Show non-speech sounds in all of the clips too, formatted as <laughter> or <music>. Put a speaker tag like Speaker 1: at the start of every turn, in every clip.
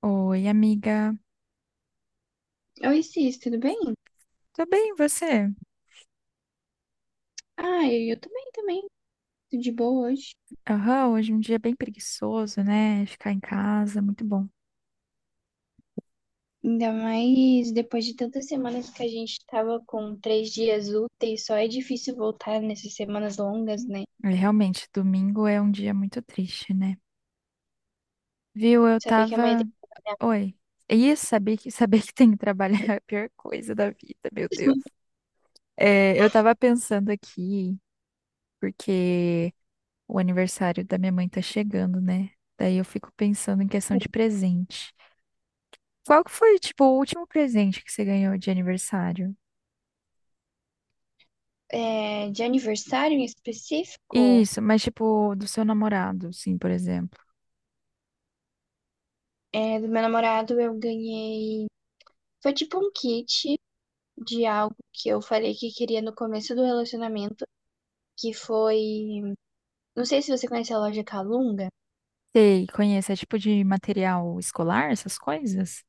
Speaker 1: Oi, amiga.
Speaker 2: Oi, Cis, tudo bem?
Speaker 1: Tô bem, e você?
Speaker 2: Ah, eu tô também. Tudo de boa hoje.
Speaker 1: Aham, hoje é um dia bem preguiçoso, né? Ficar em casa, muito bom.
Speaker 2: Ainda mais depois de tantas semanas que a gente tava com três dias úteis, só é difícil voltar nessas semanas longas, né?
Speaker 1: É, realmente, domingo é um dia muito triste, né? Viu, eu
Speaker 2: Saber que amanhã
Speaker 1: tava.
Speaker 2: tem
Speaker 1: Oi. E <laughs> saber que tem que trabalhar é a pior coisa da vida, meu Deus.
Speaker 2: <laughs>
Speaker 1: É, eu tava pensando aqui, porque o aniversário da minha mãe tá chegando, né? Daí eu fico pensando em questão de presente. Qual que foi, tipo, o último presente que você ganhou de aniversário?
Speaker 2: é, de aniversário em específico
Speaker 1: Isso, mas tipo, do seu namorado, sim, por exemplo.
Speaker 2: é, do meu namorado, eu ganhei. Foi tipo um kit de algo que eu falei que queria no começo do relacionamento, que foi. Não sei se você conhece a loja Calunga.
Speaker 1: Sei, conhece, é tipo de material escolar, essas coisas?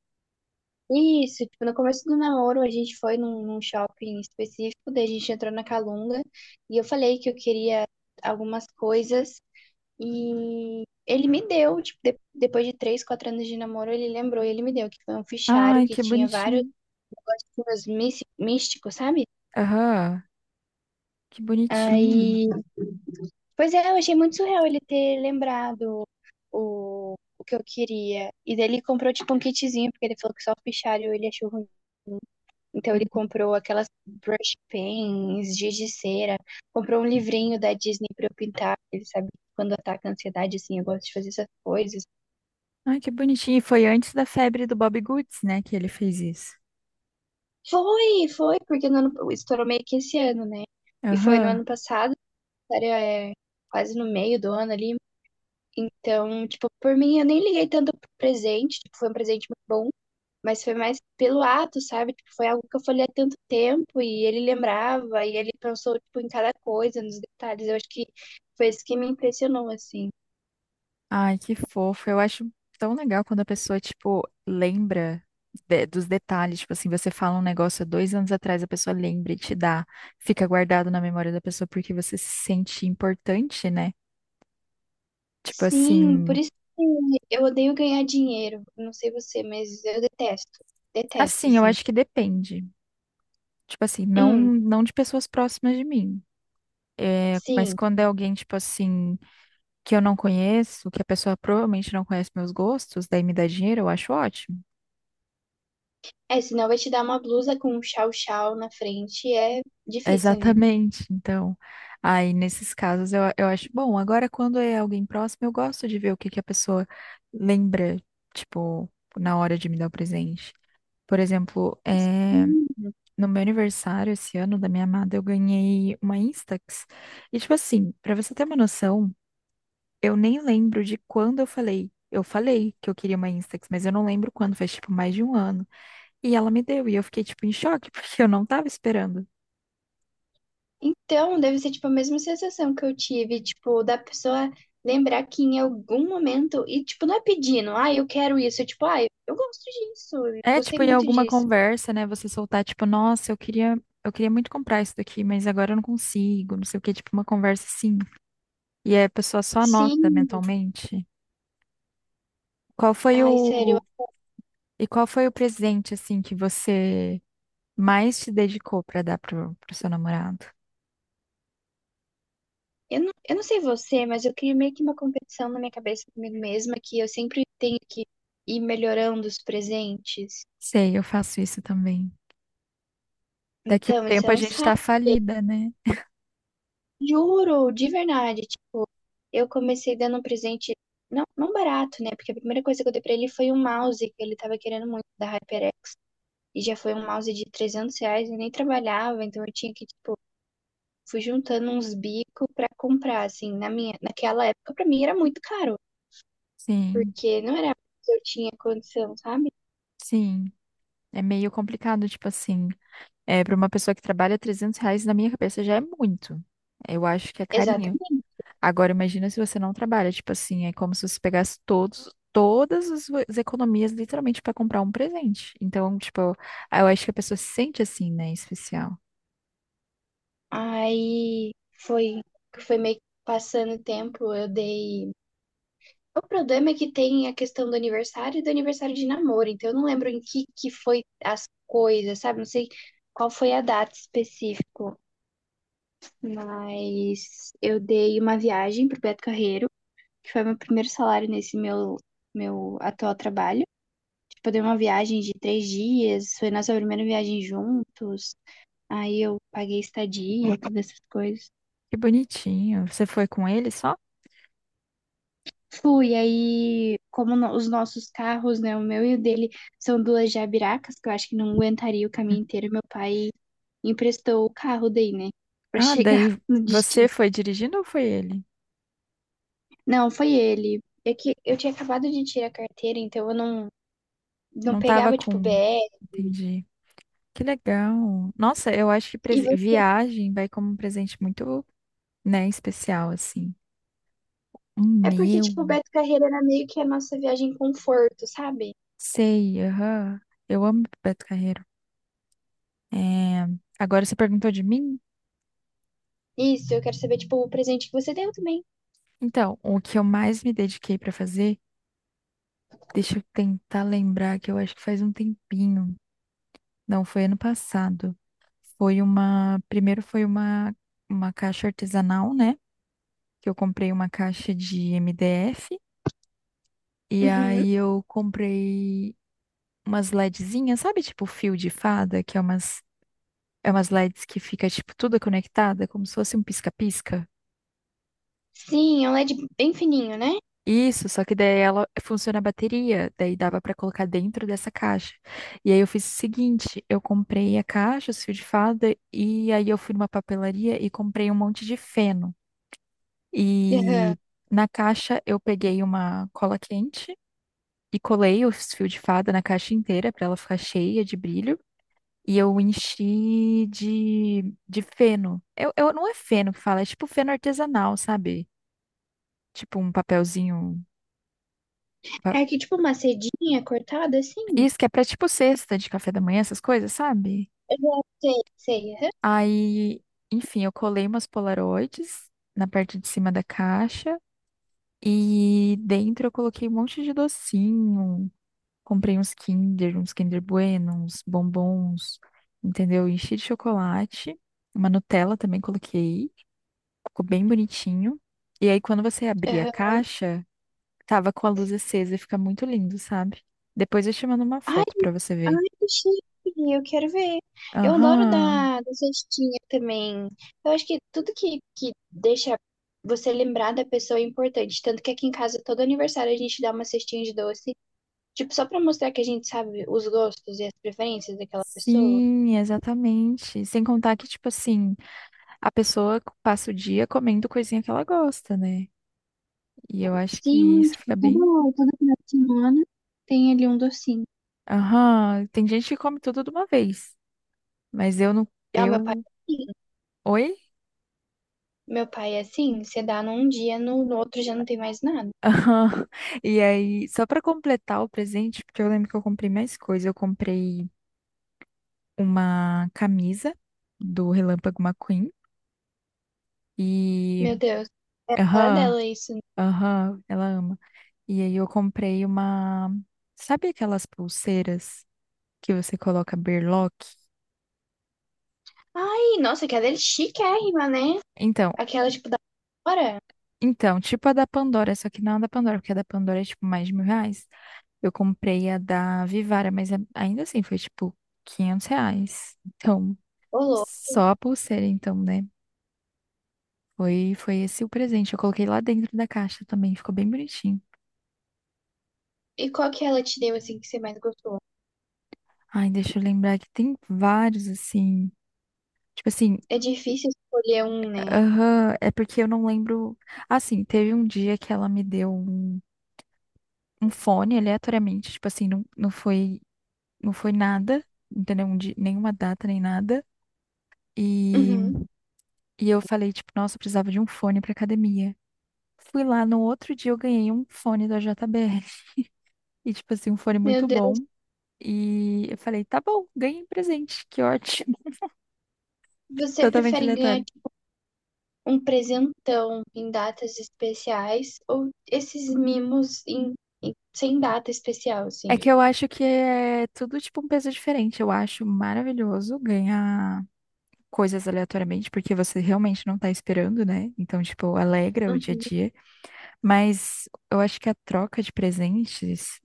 Speaker 2: Isso, tipo, no começo do namoro a gente foi num shopping específico, daí a gente entrou na Calunga e eu falei que eu queria algumas coisas e ele me deu, tipo, depois de três, quatro anos de namoro, ele lembrou e ele me deu, que foi um fichário
Speaker 1: Ai,
Speaker 2: que
Speaker 1: que
Speaker 2: tinha vários
Speaker 1: bonitinho.
Speaker 2: negocinhos místicos, sabe?
Speaker 1: Aham, que bonitinho.
Speaker 2: Aí, pois é, eu achei muito surreal ele ter lembrado o que eu queria. E daí ele comprou, tipo, um kitzinho, porque ele falou que só o fichário ele achou ruim. Então ele
Speaker 1: Uhum.
Speaker 2: comprou aquelas brush pens, giz de cera, comprou um livrinho da Disney pra eu pintar. Ele sabe que quando ataca a ansiedade, assim, eu gosto de fazer essas coisas.
Speaker 1: Ai, que bonitinho. E foi antes da febre do Bob Goods, né, que ele fez isso.
Speaker 2: Foi, foi, porque no ano, estourou meio que esse ano, né? E foi no
Speaker 1: Aham.
Speaker 2: ano passado, era, é, quase no meio do ano ali. Então, tipo, por mim, eu nem liguei tanto pro presente. Tipo, foi um presente muito bom, mas foi mais pelo ato, sabe? Tipo, foi algo que eu falei há tanto tempo e ele lembrava e ele pensou, tipo, em cada coisa, nos detalhes. Eu acho que foi isso que me impressionou, assim.
Speaker 1: Ai, que fofo. Eu acho tão legal quando a pessoa, tipo, lembra dos detalhes. Tipo assim, você fala um negócio há 2 anos atrás, a pessoa lembra e te dá. Fica guardado na memória da pessoa porque você se sente importante, né? Tipo
Speaker 2: Sim, por
Speaker 1: assim,
Speaker 2: isso que eu odeio ganhar dinheiro. Não sei você, mas eu detesto. Detesto,
Speaker 1: eu
Speaker 2: assim.
Speaker 1: acho que depende. Tipo assim, não
Speaker 2: Hum,
Speaker 1: não de pessoas próximas de mim. É, mas
Speaker 2: sim.
Speaker 1: quando é alguém, tipo assim, que eu não conheço, que a pessoa provavelmente não conhece meus gostos, daí me dá dinheiro, eu acho ótimo.
Speaker 2: É, senão vai te dar uma blusa com um chau-chau na frente. É
Speaker 1: <laughs>
Speaker 2: difícil, né?
Speaker 1: Exatamente. Então, aí nesses casos eu acho bom. Agora, quando é alguém próximo, eu gosto de ver o que que a pessoa lembra, tipo, na hora de me dar o presente. Por exemplo, é, no meu aniversário esse ano da minha amada, eu ganhei uma Instax. E tipo assim, pra você ter uma noção, eu nem lembro de quando eu falei. Eu falei que eu queria uma Instax, mas eu não lembro quando, faz tipo mais de um ano. E ela me deu, e eu fiquei tipo em choque, <laughs> porque eu não tava esperando.
Speaker 2: Então, deve ser, tipo, a mesma sensação que eu tive, tipo, da pessoa lembrar que em algum momento, e, tipo, não é pedindo, ah, eu quero isso, é tipo, ah, eu gosto disso, eu
Speaker 1: É
Speaker 2: gostei
Speaker 1: tipo em
Speaker 2: muito
Speaker 1: alguma
Speaker 2: disso.
Speaker 1: conversa, né, você soltar tipo, nossa, eu queria muito comprar isso daqui, mas agora eu não consigo, não sei o quê, tipo uma conversa assim. E aí a pessoa só anota
Speaker 2: Sim,
Speaker 1: mentalmente. Qual foi
Speaker 2: ai, sério,
Speaker 1: o e qual foi o presente assim que você mais se dedicou para dar pro seu namorado.
Speaker 2: eu não sei você, mas eu criei meio que uma competição na minha cabeça comigo mesma, que eu sempre tenho que ir melhorando os presentes.
Speaker 1: Sei, eu faço isso também. Daqui a um
Speaker 2: Então, isso
Speaker 1: tempo
Speaker 2: é
Speaker 1: a
Speaker 2: um
Speaker 1: gente tá
Speaker 2: saco,
Speaker 1: falida, né?
Speaker 2: juro, de verdade. Eu comecei dando um presente, não, não barato, né? Porque a primeira coisa que eu dei pra ele foi um mouse que ele tava querendo muito da HyperX. E já foi um mouse de 300 reais, eu nem trabalhava, então eu tinha que, tipo, fui juntando uns bicos pra comprar, assim, na minha, naquela época pra mim era muito caro,
Speaker 1: Sim,
Speaker 2: porque não era que eu tinha condição, sabe?
Speaker 1: sim. É meio complicado, tipo assim. É, para uma pessoa que trabalha R$ 300, na minha cabeça já é muito. Eu acho que é carinho.
Speaker 2: Exatamente.
Speaker 1: Agora, imagina se você não trabalha, tipo assim, é como se você pegasse todas as economias, literalmente, para comprar um presente. Então, tipo, eu acho que a pessoa se sente assim, né? Especial.
Speaker 2: Aí foi, foi meio que passando o tempo, eu dei. O problema é que tem a questão do aniversário e do aniversário de namoro, então eu não lembro em que foi as coisas, sabe? Não sei qual foi a data específica, mas eu dei uma viagem pro Beto Carreiro, que foi meu primeiro salário nesse meu atual trabalho. Tipo, eu dei uma viagem de três dias, foi nossa primeira viagem juntos, aí eu paguei estadia, todas essas coisas.
Speaker 1: Que bonitinho. Você foi com ele só?
Speaker 2: Fui, aí, como os nossos carros, né, o meu e o dele, são duas jabiracas, que eu acho que não aguentaria o caminho inteiro, meu pai emprestou o carro daí, né, pra
Speaker 1: Ah,
Speaker 2: chegar
Speaker 1: daí
Speaker 2: <laughs> no
Speaker 1: você
Speaker 2: destino.
Speaker 1: foi dirigindo ou foi ele?
Speaker 2: Não, foi ele. É que eu tinha acabado de tirar a carteira, então eu não
Speaker 1: Não tava
Speaker 2: pegava, tipo,
Speaker 1: com.
Speaker 2: BR.
Speaker 1: Entendi. Que legal. Nossa, eu acho que
Speaker 2: E vo-
Speaker 1: viagem vai como um presente muito, né, especial, assim. O
Speaker 2: É porque,
Speaker 1: meu.
Speaker 2: tipo, o Beto Carreira era meio que a nossa viagem conforto, sabe?
Speaker 1: Sei, aham. Eu amo Beto Carreiro. É. Agora você perguntou de mim?
Speaker 2: Isso, eu quero saber, tipo, o presente que você deu também.
Speaker 1: Então, o que eu mais me dediquei pra fazer, deixa eu tentar lembrar, que eu acho que faz um tempinho. Não, foi ano passado. Foi uma. Primeiro foi uma caixa artesanal, né? Que eu comprei uma caixa de MDF e
Speaker 2: Uhum.
Speaker 1: aí eu comprei umas LEDzinhas, sabe, tipo fio de fada, que é umas LEDs que fica tipo tudo conectada, como se fosse um pisca-pisca.
Speaker 2: Sim, é um LED bem fininho, né?
Speaker 1: Isso, só que daí ela funciona a bateria, daí dava pra colocar dentro dessa caixa. E aí eu fiz o seguinte, eu comprei a caixa, os fios de fada, e aí eu fui numa papelaria e comprei um monte de feno.
Speaker 2: Aham.
Speaker 1: E na caixa eu peguei uma cola quente e colei os fios de fada na caixa inteira para ela ficar cheia de brilho. E eu enchi de feno. Não é feno que fala, é tipo feno artesanal, sabe? Tipo um papelzinho. pa-
Speaker 2: É aqui tipo uma cedinha cortada assim.
Speaker 1: Isso que é pra tipo cesta de café da manhã, essas coisas, sabe?
Speaker 2: Aham, sei, sei. Aham.
Speaker 1: Aí, enfim, eu colei umas polaroides na parte de cima da caixa. E dentro eu coloquei um monte de docinho. Comprei uns Kinder Bueno, uns bombons, entendeu? Enchi de chocolate, uma Nutella também coloquei, ficou bem bonitinho. E aí, quando você abria a
Speaker 2: Aham.
Speaker 1: caixa, tava com a luz acesa e fica muito lindo, sabe? Depois eu te mando uma
Speaker 2: Ai,
Speaker 1: foto pra você ver.
Speaker 2: ai, que chique, eu quero ver. Eu adoro
Speaker 1: Aham.
Speaker 2: da cestinha também. Eu acho que tudo que deixa você lembrar da pessoa é importante. Tanto que aqui em casa, todo aniversário, a gente dá uma cestinha de doce. Tipo, só pra mostrar que a gente sabe os gostos e as preferências daquela pessoa.
Speaker 1: Sim, exatamente. Sem contar que, tipo assim, a pessoa passa o dia comendo coisinha que ela gosta, né? E eu acho que
Speaker 2: Sim,
Speaker 1: isso
Speaker 2: tipo,
Speaker 1: fica bem.
Speaker 2: toda final de semana tem ali um docinho.
Speaker 1: Aham. Tem gente que come tudo de uma vez. Mas eu não.
Speaker 2: É, o meu pai
Speaker 1: Eu.
Speaker 2: é assim.
Speaker 1: Oi?
Speaker 2: Meu pai é assim, você dá num dia, no outro já não tem mais nada.
Speaker 1: <laughs> Aham. E aí, só pra completar o presente, porque eu lembro que eu comprei mais coisas. Eu comprei uma camisa do Relâmpago McQueen. E.
Speaker 2: Meu Deus, é a cara
Speaker 1: Aham,
Speaker 2: dela isso.
Speaker 1: aham, ela ama. E aí, eu comprei uma. Sabe aquelas pulseiras que você coloca berlock?
Speaker 2: Ai, nossa, aquela é chiquérrima, né?
Speaker 1: Então,
Speaker 2: Aquela, tipo, da hora.
Speaker 1: Então, tipo a da Pandora, só que não a da Pandora, porque a da Pandora é tipo mais de R$ 1.000. Eu comprei a da Vivara, mas ainda assim foi tipo R$ 500. Então,
Speaker 2: Ô, louco.
Speaker 1: só a pulseira, então, né? Foi esse o presente. Eu coloquei lá dentro da caixa também, ficou bem bonitinho.
Speaker 2: E qual que ela te deu, assim, que você mais gostou?
Speaker 1: Ai, deixa eu lembrar que tem vários, assim. Tipo assim,
Speaker 2: É difícil escolher um, né?
Speaker 1: aham, é porque eu não lembro. Assim, teve um dia que ela me deu um fone aleatoriamente, tipo assim, não, não foi nada, entendeu? Nenhuma data, nem nada. E,
Speaker 2: Uhum.
Speaker 1: e eu falei, tipo, nossa, eu precisava de um fone pra academia. Fui lá no outro dia, eu ganhei um fone da JBL. <laughs> E, tipo assim, um fone
Speaker 2: Meu
Speaker 1: muito
Speaker 2: Deus,
Speaker 1: bom. E eu falei, tá bom, ganhei um presente, que ótimo. <laughs>
Speaker 2: você
Speaker 1: Totalmente
Speaker 2: prefere ganhar,
Speaker 1: aleatório.
Speaker 2: tipo, um presentão em datas especiais ou esses mimos em, sem data especial,
Speaker 1: É
Speaker 2: assim?
Speaker 1: que eu acho que é tudo, tipo, um peso diferente. Eu acho maravilhoso ganhar coisas aleatoriamente, porque você realmente não tá esperando, né? Então, tipo, alegra o dia a
Speaker 2: Uhum.
Speaker 1: dia. Mas eu acho que a troca de presentes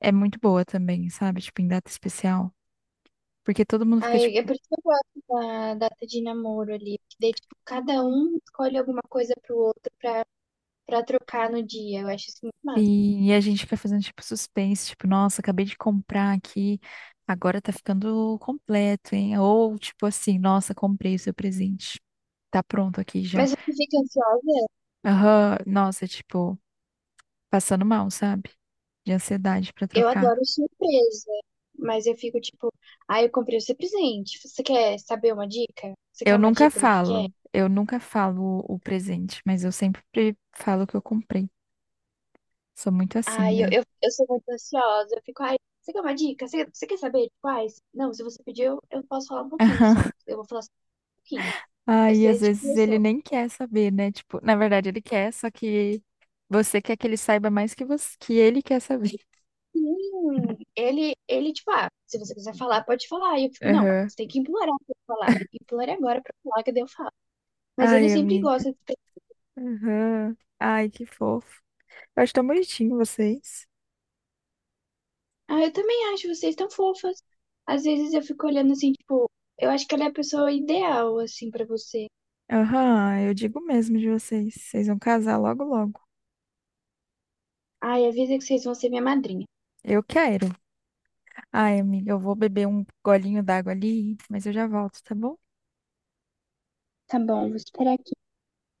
Speaker 1: é muito boa também, sabe? Tipo, em data especial. Porque todo mundo fica,
Speaker 2: Aí, é
Speaker 1: tipo,
Speaker 2: por isso que eu gosto da data de namoro ali, porque daí, tipo, cada um escolhe alguma coisa pro outro pra, pra trocar no dia. Eu acho isso muito massa.
Speaker 1: e a gente fica fazendo, tipo, suspense, tipo, nossa, acabei de comprar aqui, agora tá ficando completo, hein? Ou, tipo assim, nossa, comprei o seu presente, tá pronto aqui já.
Speaker 2: Mas você fica ansiosa?
Speaker 1: Aham, nossa, tipo, passando mal, sabe? De ansiedade pra
Speaker 2: Eu
Speaker 1: trocar.
Speaker 2: adoro surpresa, mas eu fico tipo, ah, eu comprei o seu presente. Você quer saber uma dica? Você quer uma dica do que é?
Speaker 1: Eu nunca falo o presente, mas eu sempre falo o que eu comprei. Sou muito
Speaker 2: Ah,
Speaker 1: assim,
Speaker 2: eu,
Speaker 1: velho.
Speaker 2: eu, eu sou muito ansiosa, eu fico, ai, você quer uma dica? Você quer saber de quais? Não, se você pediu, eu posso falar um pouquinho só.
Speaker 1: <laughs>
Speaker 2: Eu vou falar só um pouquinho. Eu
Speaker 1: Ai,
Speaker 2: sei
Speaker 1: às
Speaker 2: esse tipo de
Speaker 1: vezes ele
Speaker 2: pessoa.
Speaker 1: nem quer saber, né? Tipo, na verdade ele quer, só que você quer que ele saiba mais que você, que ele quer saber.
Speaker 2: Sim, ele, tipo, ah, se você quiser falar, pode falar. E eu fico, não,
Speaker 1: Aham.
Speaker 2: você tem que implorar pra eu falar. Implore agora pra eu falar, que daí eu falo. Mas ele
Speaker 1: Ai,
Speaker 2: sempre
Speaker 1: amiga.
Speaker 2: gosta de.
Speaker 1: Aham. Ai, que fofo. Eu acho tão bonitinho vocês.
Speaker 2: Ah, eu também acho vocês tão fofas. Às vezes eu fico olhando assim, tipo, eu acho que ela é a pessoa ideal, assim, pra você.
Speaker 1: Aham, eu digo mesmo de vocês. Vocês vão casar logo, logo.
Speaker 2: Ai, avisa que vocês vão ser minha madrinha.
Speaker 1: Eu quero. Ai, amiga, eu vou beber um golinho d'água ali, mas eu já volto, tá bom?
Speaker 2: Tá bom, vou esperar aqui.